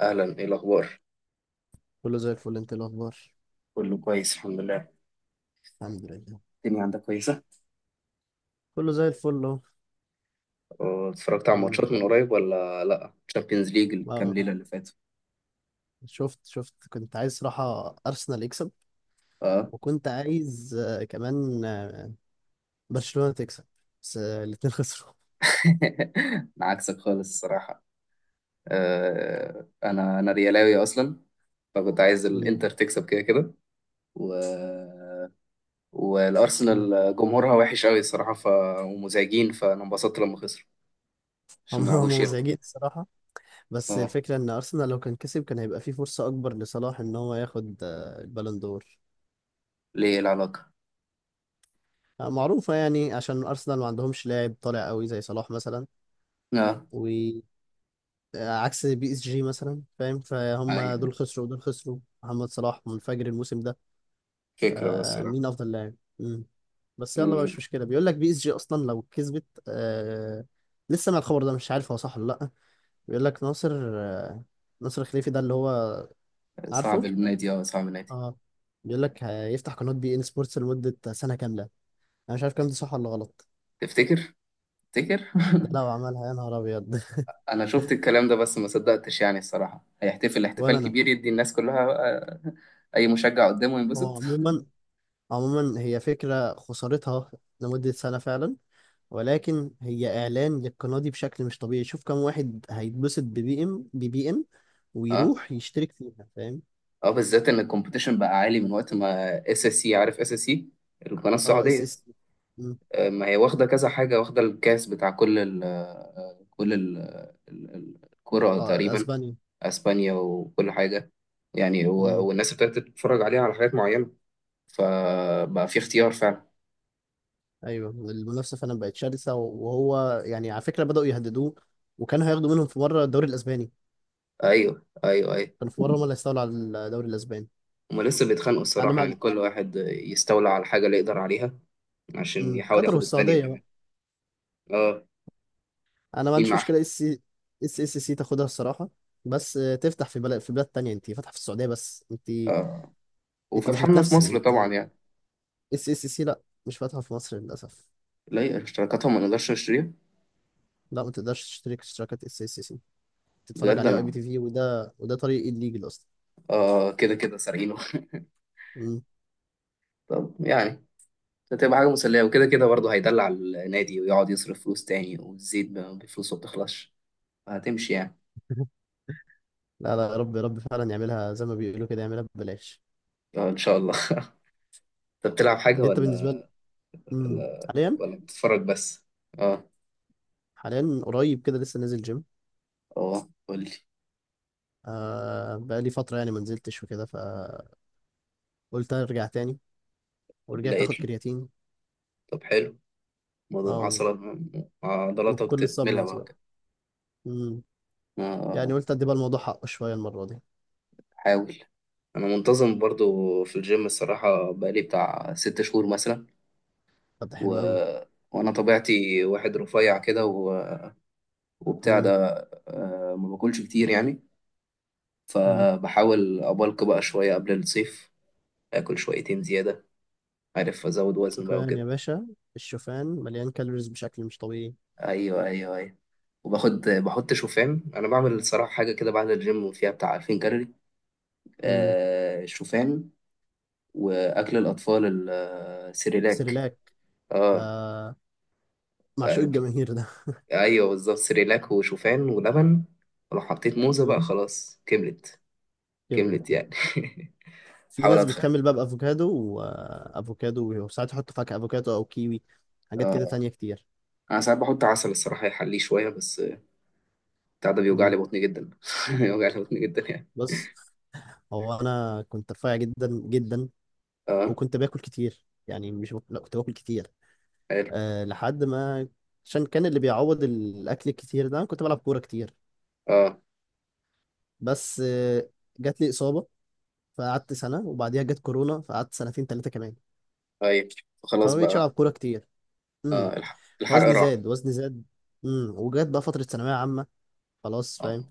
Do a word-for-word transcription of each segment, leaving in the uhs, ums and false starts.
اهلا، ايه الاخبار؟ كله زي الفل، انت ايه الاخبار؟ كله كويس، الحمد لله. الحمد لله، الدنيا عندك كويسة؟ كله زي الفل اهو. أه، اتفرجت على الحمد لله. ماتشات من قريب ولا لا؟ تشامبيونز ليج الكام آه، ليلة اللي فاتوا. شفت شفت كنت عايز صراحة ارسنال يكسب. اه. وكنت عايز آه، كمان آه، برشلونة تكسب. بس آه، الاتنين خسروا. انا عكسك خالص الصراحة. آه انا انا ريالاوي اصلا، فكنت عايز مم. الانتر تكسب كده كده و... مم. والارسنال جمهورها وحش قوي الصراحة، ف... ومزعجين، فانا انبسطت لما خسروا هم عشان ما هم يعرفوش يركوا. مزعجين الصراحة. بس اه، الفكرة ان ارسنال لو كان كسب كان هيبقى فيه فرصة اكبر لصلاح ان هو ياخد آه، البالون دور. ليه، إيه العلاقة؟ آه، معروفة يعني، عشان ارسنال ما عندهمش لاعب طالع قوي زي صلاح مثلا. اه، و عكس بي اس جي مثلا، فاهم. فهم ايوه دول خسروا، ودول خسروا، محمد صلاح منفجر الموسم ده. فكرة بس لا. فمين افضل لاعب؟ مم. بس يلا بقى، مش مشكله. بيقول لك بي اس جي اصلا لو كسبت آه لسه مع الخبر ده مش عارف هو صح ولا لا. بيقول لك ناصر آه ناصر خليفي، ده اللي هو... صعب عارفه؟ النادي، اه، صعب النادي. اه. بيقول لك هيفتح قناه بي ان سبورتس لمده سنه كامله. انا مش عارف كام دي صح ولا غلط. تفتكر؟ تفتكر؟ ده لو عملها يا نهار ابيض! انا شفت الكلام ده بس ما صدقتش، يعني الصراحه هيحتفل ولا احتفال انا. كبير، يدي الناس كلها، آه، اي مشجع قدامه هو ينبسط. عموما، عموما هي فكرة خسارتها لمدة سنة فعلا، ولكن هي إعلان للقناة دي بشكل مش طبيعي. شوف كم واحد هيتبسط ببي ام ببي ام اه، ويروح يشترك فيها، فاهم. اه، بالذات ان الكومبيتيشن بقى عالي من وقت ما اس اس سي، عارف اس اس سي؟ القناه اه، اس السعوديه. اس... مم. آه، ما هي واخده كذا حاجه، واخده الكاس بتاع كل ال، آه، كل ال ال- ال- الكره اه، تقريبا. اسبانيا. اسبانيا وكل حاجه، يعني و- مم. والناس ابتدت تتفرج عليها على حاجات معينه، فبقى في اختيار فعلا. ايوه، المنافسة فعلا بقت شرسة، وهو يعني على فكرة بدأوا يهددوه. وكانوا هياخدوا منهم في مرة الدوري الأسباني. ايوه، ايوه، ايوه. كانوا في مرة هم اللي هيستولوا على الدوري الأسباني. هما لسه بيتخانقوا أنا الصراحة، مع... يعني كل واحد يستولى على الحاجة اللي يقدر عليها عشان مم. يحاول قطر ياخد التانية والسعودية بقى. كمان. اه. انا ما مين عنديش معاها؟ مشكله، اس... اس اس سي تاخدها الصراحه. بس آه، تفتح في بلد في بلاد تانية. انت فاتحه في السعوديه بس، انت... اه، انت مش وفتحنا في بتنافسي، مصر انت... طبعا يعني. اس اس سي، لا، مش فاتحه في مصر للاسف. لا، اشتراكاتهم ما نقدرش نشتريها. لا، ما تقدرش تشترك اشتراكات اس اس سي. تتفرج بجد عليها اي بي انا، تي في وده وده طريق الليجل اصلا. اه، كده كده سارقينه. مم. طب يعني هتبقى حاجة مسلية، وكده كده برضه هيدلع النادي ويقعد يصرف فلوس تاني، والزيت ب- بفلوسه ما بتخلصش، هتمشي يعني. لا لا، يا رب يا رب فعلا يعملها زي ما بيقولوا كده، يعملها ببلاش. اه، ان شاء الله. انت بتلعب حاجة انت ولا، بالنسبه لي... مم. ولا حاليا، ولا بتتفرج بس؟ اه. حاليا قريب كده لسه نازل جيم. اه، قول لي. آه بقى لي فتره يعني ما نزلتش وكده، فقلت ارجع تاني. ورجعت اخد لقيت لي. كرياتين. طب حلو. اه، عضلات. وفي عضلاتك كل تتملى السبلمنتس بقى بقى. كده. امم يعني آه، قلت ادي بقى الموضوع حقه شويه المره دي. حاول. انا منتظم برضو في الجيم الصراحة، بقالي بتاع ست شهور مثلا طب ده و... حلو قوي. وانا طبيعتي واحد رفيع كده و... وبتاع ده، امم آه، ما باكلش كتير يعني، امم فبحاول ابلك بقى شوية قبل الصيف، اكل شويتين زيادة، عارف ازود وزن بقى شوفان يا وكده. باشا. الشوفان مليان كالوريز بشكل مش طبيعي. ايوه، ايوه، ايوه. وباخد بحط شوفان. انا بعمل الصراحة حاجة كده بعد الجيم فيها بتاع ألفين كالوري، امم آه، شوفان، واكل الاطفال ال- السيريلاك. سيريلاك. اه. ده، معشوق آه، الجماهير ده. ايوه بالظبط سيريلاك وشوفان ولبن، ولو حطيت موزه بقى امم خلاص كملت. كبرت كملت كده. يعني. في حاول ناس اتخن. بتكمل بقى بافوكادو وافوكادو، وساعات يحطوا فاكهه، افوكادو او كيوي. حاجات كده تانية كتير. انا ساعات بحط عسل الصراحه يحليه شويه بس، بتاع ده بيوجع لي امم بطني جدا، بيوجع لي بطني جدا يعني. بص، هو انا كنت رفيع جدا جدا، اه. وكنت باكل كتير يعني، مش بك... لا كنت باكل كتير حلو. آه لحد ما... عشان كان اللي بيعوض الاكل الكتير ده أنا كنت بلعب كوره كتير. اه، بس آه جات لي اصابه. فقعدت سنه، وبعديها جت كورونا فقعدت سنتين ثلاثه كمان. طيب. خلاص فما بقتش العب بقى. كوره كتير. امم اه، الح- الحرق وزني راح. زاد، وزني زاد. امم وجت بقى فتره ثانويه عامه. خلاص، اه، فاهم.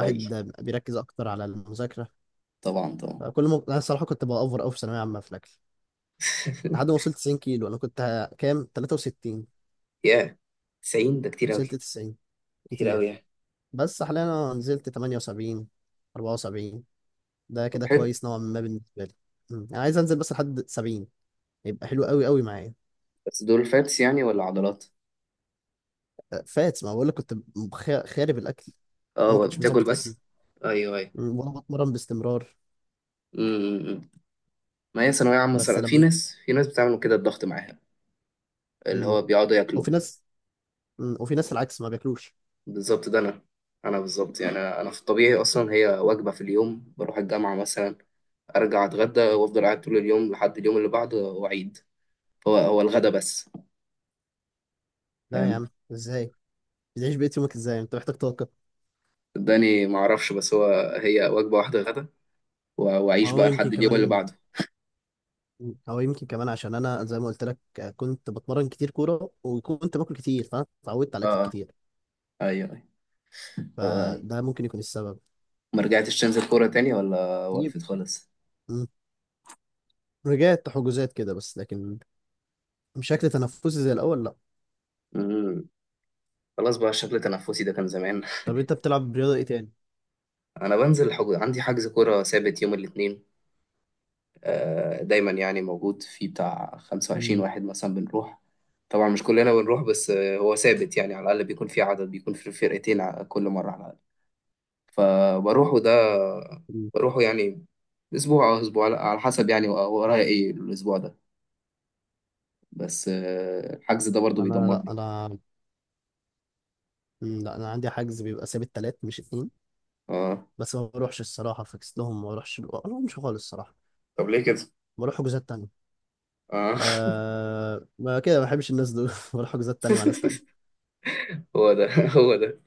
اي، بيركز اكتر على المذاكره. طبعا، طبعا. فكل ما انا الصراحه كنت باوفر قوي في ثانويه عامه في الاكل. لحد ما وصلت تسعين كيلو، انا كنت كام، تلاته وستين. يا، تسعين ده كتير وصلت اوي، تسعين. كتير اوي كتير. يعني. بس حاليا انا نزلت تمانية وسبعين، اربعة وسبعين. ده طب كده حلو. كويس نوعا ما بالنسبه لي. مم. انا عايز انزل بس لحد سبعين، هيبقى حلو قوي قوي معايا. بس دول فاتس يعني ولا عضلات؟ أه، فات ما بقول لك، كنت مخ- خارب الاكل. انا ما اه، كنتش بتاكل مظبط اكلي، بس. ايوه، ايوه. مم، ولا بتمرن باستمرار. امم ما هي ثانويه عامه بس صراحه، في لما... ناس في ناس بتعملوا كده الضغط معاها، اللي مم. هو بيقعدوا ياكلوا. وفي ناس... مم. وفي ناس العكس ما بياكلوش. بالظبط ده انا. انا بالظبط يعني انا أنا في الطبيعي اصلا، هي وجبه في اليوم. بروح الجامعه مثلا، ارجع اتغدى وافضل قاعد طول اليوم لحد اليوم اللي بعده واعيد. هو هو الغدا بس، لا يا فاهم؟ عم، ازاي بتعيش بقية يومك؟ ازاي؟ انت محتاج طاقه. صدقني ما اعرفش، بس هو هي وجبه واحده غدا و- واعيش هو بقى يمكن لحد اليوم اللي كمان، بعده. هو يمكن كمان عشان انا زي ما قلت لك، آه، كنت بتمرن كتير كوره وكنت باكل كتير، فانا اتعودت على اه، الاكل آه، كتير. ايوه، ايوه. آه. فده ممكن يكون السبب. ما رجعتش تنزل كوره تاني ولا يب- وقفت خالص؟ مم. رجعت حجوزات كده، بس لكن بشكل تنافسي زي الاول، لا. خلاص بقى، الشكل التنفسي ده كان زمان. طب انت بتلعب رياضه ايه تاني؟ انا بنزل حج... عندي حجز كوره ثابت يوم الاثنين، آه، دايما يعني موجود، في بتاع خمسة وعشرين مم. واحد مثلا بنروح. طبعا مش كلنا بنروح، بس آه، هو ثابت يعني، على الاقل بيكون في عدد، بيكون في فرقتين ع- كل مره على الاقل. فبروحه ده، مم. بروحه يعني، اسبوع او اسبوع لا، على حسب يعني و- ورايا ايه الاسبوع ده. بس آه، الحجز ده برضو انا لا بيدمرني. انا... مم، لا، انا عندي حجز بيبقى ثابت تلات مش اتنين. اه، بس ما بروحش الصراحه، فاكس لهم، ما بروحش ما بروحش خالص الصراحه. طب ليه كده؟ بروح حجوزات تانية. اه. آه ما كده، ما بحبش الناس دول. بروح حجوزات تانية مع ناس تانية. هو ده هو ده،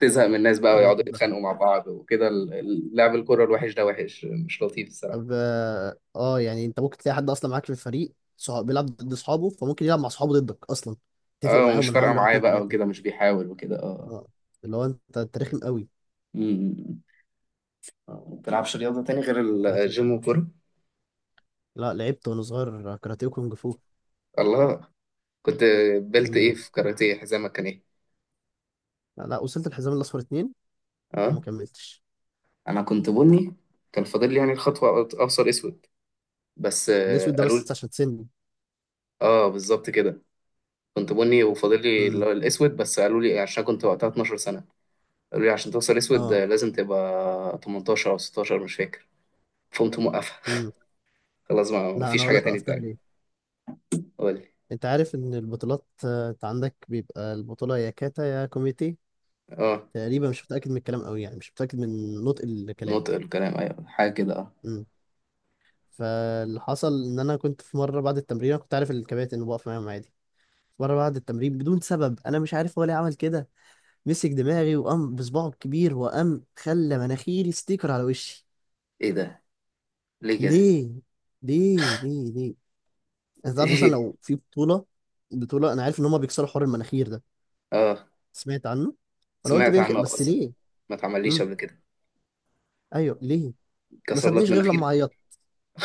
تزهق من الناس بقى أنا ده- ويقعدوا ده- يتخانقوا مع بعض وكده، ال- ال- لعب الكرة الوحش ده وحش، مش لطيف الصراحة. طب اه، آه، يعني انت ممكن تلاقي حد اصلا معاك في الفريق صحاب بيلعب ضد اصحابه، فممكن يلعب مع اصحابه ضدك اصلا. اتفق اه، معاهم ومش انا فارقة هعمل واحد معايا اتنين بقى تلاته. وكده، مش بيحاول وكده، اه. اه، اللي هو انت انت رخم قوي. أمم. آه، ما بتلعبش رياضة تاني غير عشان... الجيم والكورة؟ لا، لعبت وانا صغير كاراتيه وكونج فو. الله، كنت بلت ايه مم. في كاراتيه؟ حزامك كان ايه؟ لا، وصلت الحزام الاصفر اتنين. اه، وما كملتش. انا كنت بني. كان فاضل لي يعني الخطوة، ابصر اسود، بس الاسود آه، ده قالوا بس لي. عشان سني. اه، بالظبط كده. كنت بني وفاضل لي اللي امم هو الاسود، بس قالوا لي عشان كنت وقتها اثني عشر سنة، قالوا لي عشان توصل اسود آه، اه. لازم تبقى ثمانية عشر او ستاشر، مش فاكر، فقمت موقفها. امم خلاص ما لا انا فيش اقول حاجة لك تاني وقفتها تاني. ليه. قولي. انت عارف ان البطولات، آه، انت عندك بيبقى البطوله يا كاتا يا كوميتي. اه، تقريبا مش متاكد من الكلام قوي، يعني مش متاكد من نطق الكلام. نطق الكلام، ايوه، حاجة كده، اه. امم فاللي حصل ان انا كنت في مره بعد التمرين، أنا كنت عارف الكباتن انه بقف معاهم عادي. مره بعد التمرين بدون سبب، انا مش عارف هو ليه عمل كده. مسك دماغي وقام بصباعه الكبير وقام خلى مناخيري ستيكر على وشي. ايه ده؟ ليه كده؟ ليه؟ ليه ليه ليه؟ انت عارف مثلا ايه. لو في بطولة، بطولة، انا عارف ان هما بيكسروا حوار المناخير ده. اه، سمعت عنه. فانا قلت سمعت بيمكن، عنه بس بس. ليه؟ ما اتعمليش امم قبل كده؟ ايوه ليه؟ ما كسر لك سابنيش غير لما مناخيرك؟ عيطت.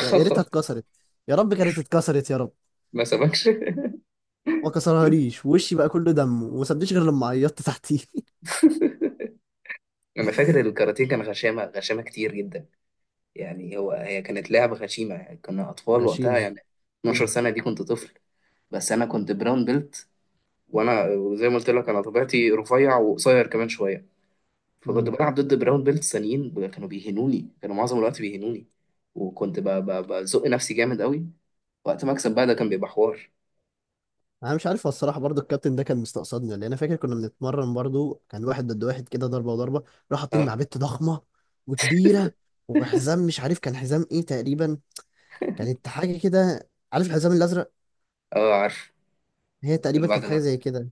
يا يا ريتها اتكسرت. يا رب كانت اتكسرت، يا رب. ما سبكش. ما كسرهاليش، وشي بقى كله دم، وما سابنيش غير لما عيطت تحتيه. انا فاكر الكاراتيه كان غشامة، غشامة كتير جدا، يعني هو، هي كانت لعبة غشيمة، يعني كنا اطفال وقتها غشيمة يعني، اثني عشر قوي. سنة دي كنت طفل. بس انا كنت براون بيلت، وانا زي ما قلت لك انا طبيعتي رفيع وقصير كمان شوية، فكنت بلعب ضد براون بيلت تانيين، ب- كانوا بيهنوني، كانوا معظم الوقت بيهنوني، وكنت ب- ب- بزق نفسي جامد قوي وقت ما اكسب بقى. ده كان بيبقى حوار. انا مش عارف هو الصراحه برضو الكابتن ده كان مستقصدني ولا إيه. انا فاكر كنا بنتمرن برضو، كان واحد ضد واحد كده، ضربه وضربه. راح حاطيني مع اه، بنت ضخمه وكبيره. وحزام مش عارف كان حزام ايه تقريبا، كانت حاجه كده، عارف الحزام الازرق؟ اه، عارف، هي تقريبا اللي بعد كانت حاجه العصر. زي كده.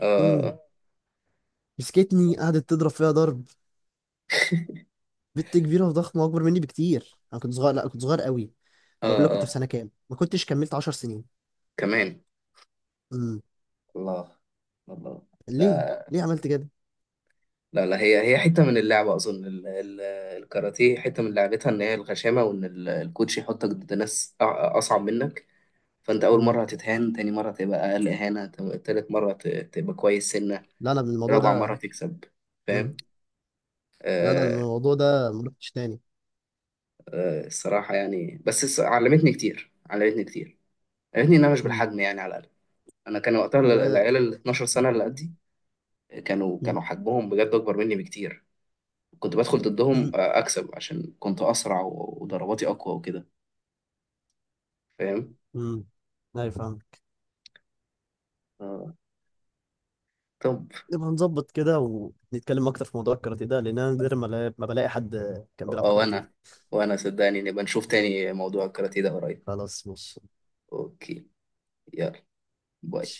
اه، امم اه، مسكتني، قعدت تضرب فيها ضرب. بنت كبيره وضخمه اكبر مني بكتير، انا كنت صغير، لا كنت صغير قوي. اه، اقول لك كنت في اه، سنه كام، ما كنتش كملت 10 سنين. كمان. امم الله. الله. ليه؟ لا. ليه عملت كده؟ لا، لا، هي، هي حتة من اللعبة أظن ال- ال- الكاراتيه حتة من لعبتها، إن هي الغشامة، وإن ال- الكوتش يحطك ضد ناس أع- أصعب منك. فأنت أول امم مرة هتتهان، تاني مرة تبقى أقل إهانة، تم- تالت مرة ت- تبقى كويس سنة، لا انا الموضوع رابع مرة ده... تكسب، امم فاهم؟ لا انا آه، الموضوع ده ما رحتش تاني. آه، الصراحة يعني، بس الص- علمتني كتير، علمتني كتير، علمتني إن أنا مش امم بالحجم يعني على الأقل. أنا كان وقتها ال- ب... العيال ال اثني عشر سنة اللي قدي كانوا م- كانوا حجمهم بجد أكبر مني بكتير. كنت بدخل م- ضدهم آه، أكسب عشان كنت أسرع و- وضرباتي أقوى وكده، فاهم؟ م. ايوه، فاهم. آه، طب، نبقى نظبط كده ونتكلم اكتر في موضوع الكاراتيه ده، لان انا نادر ما لا- ما بلاقي حد كان بيلعب آه، كاراتيه. وأنا وأنا صدقني نبقى نشوف تاني موضوع الكاراتيه ده قريب. خلاص، ماشي. أوكي. يلا، باي. ماشي.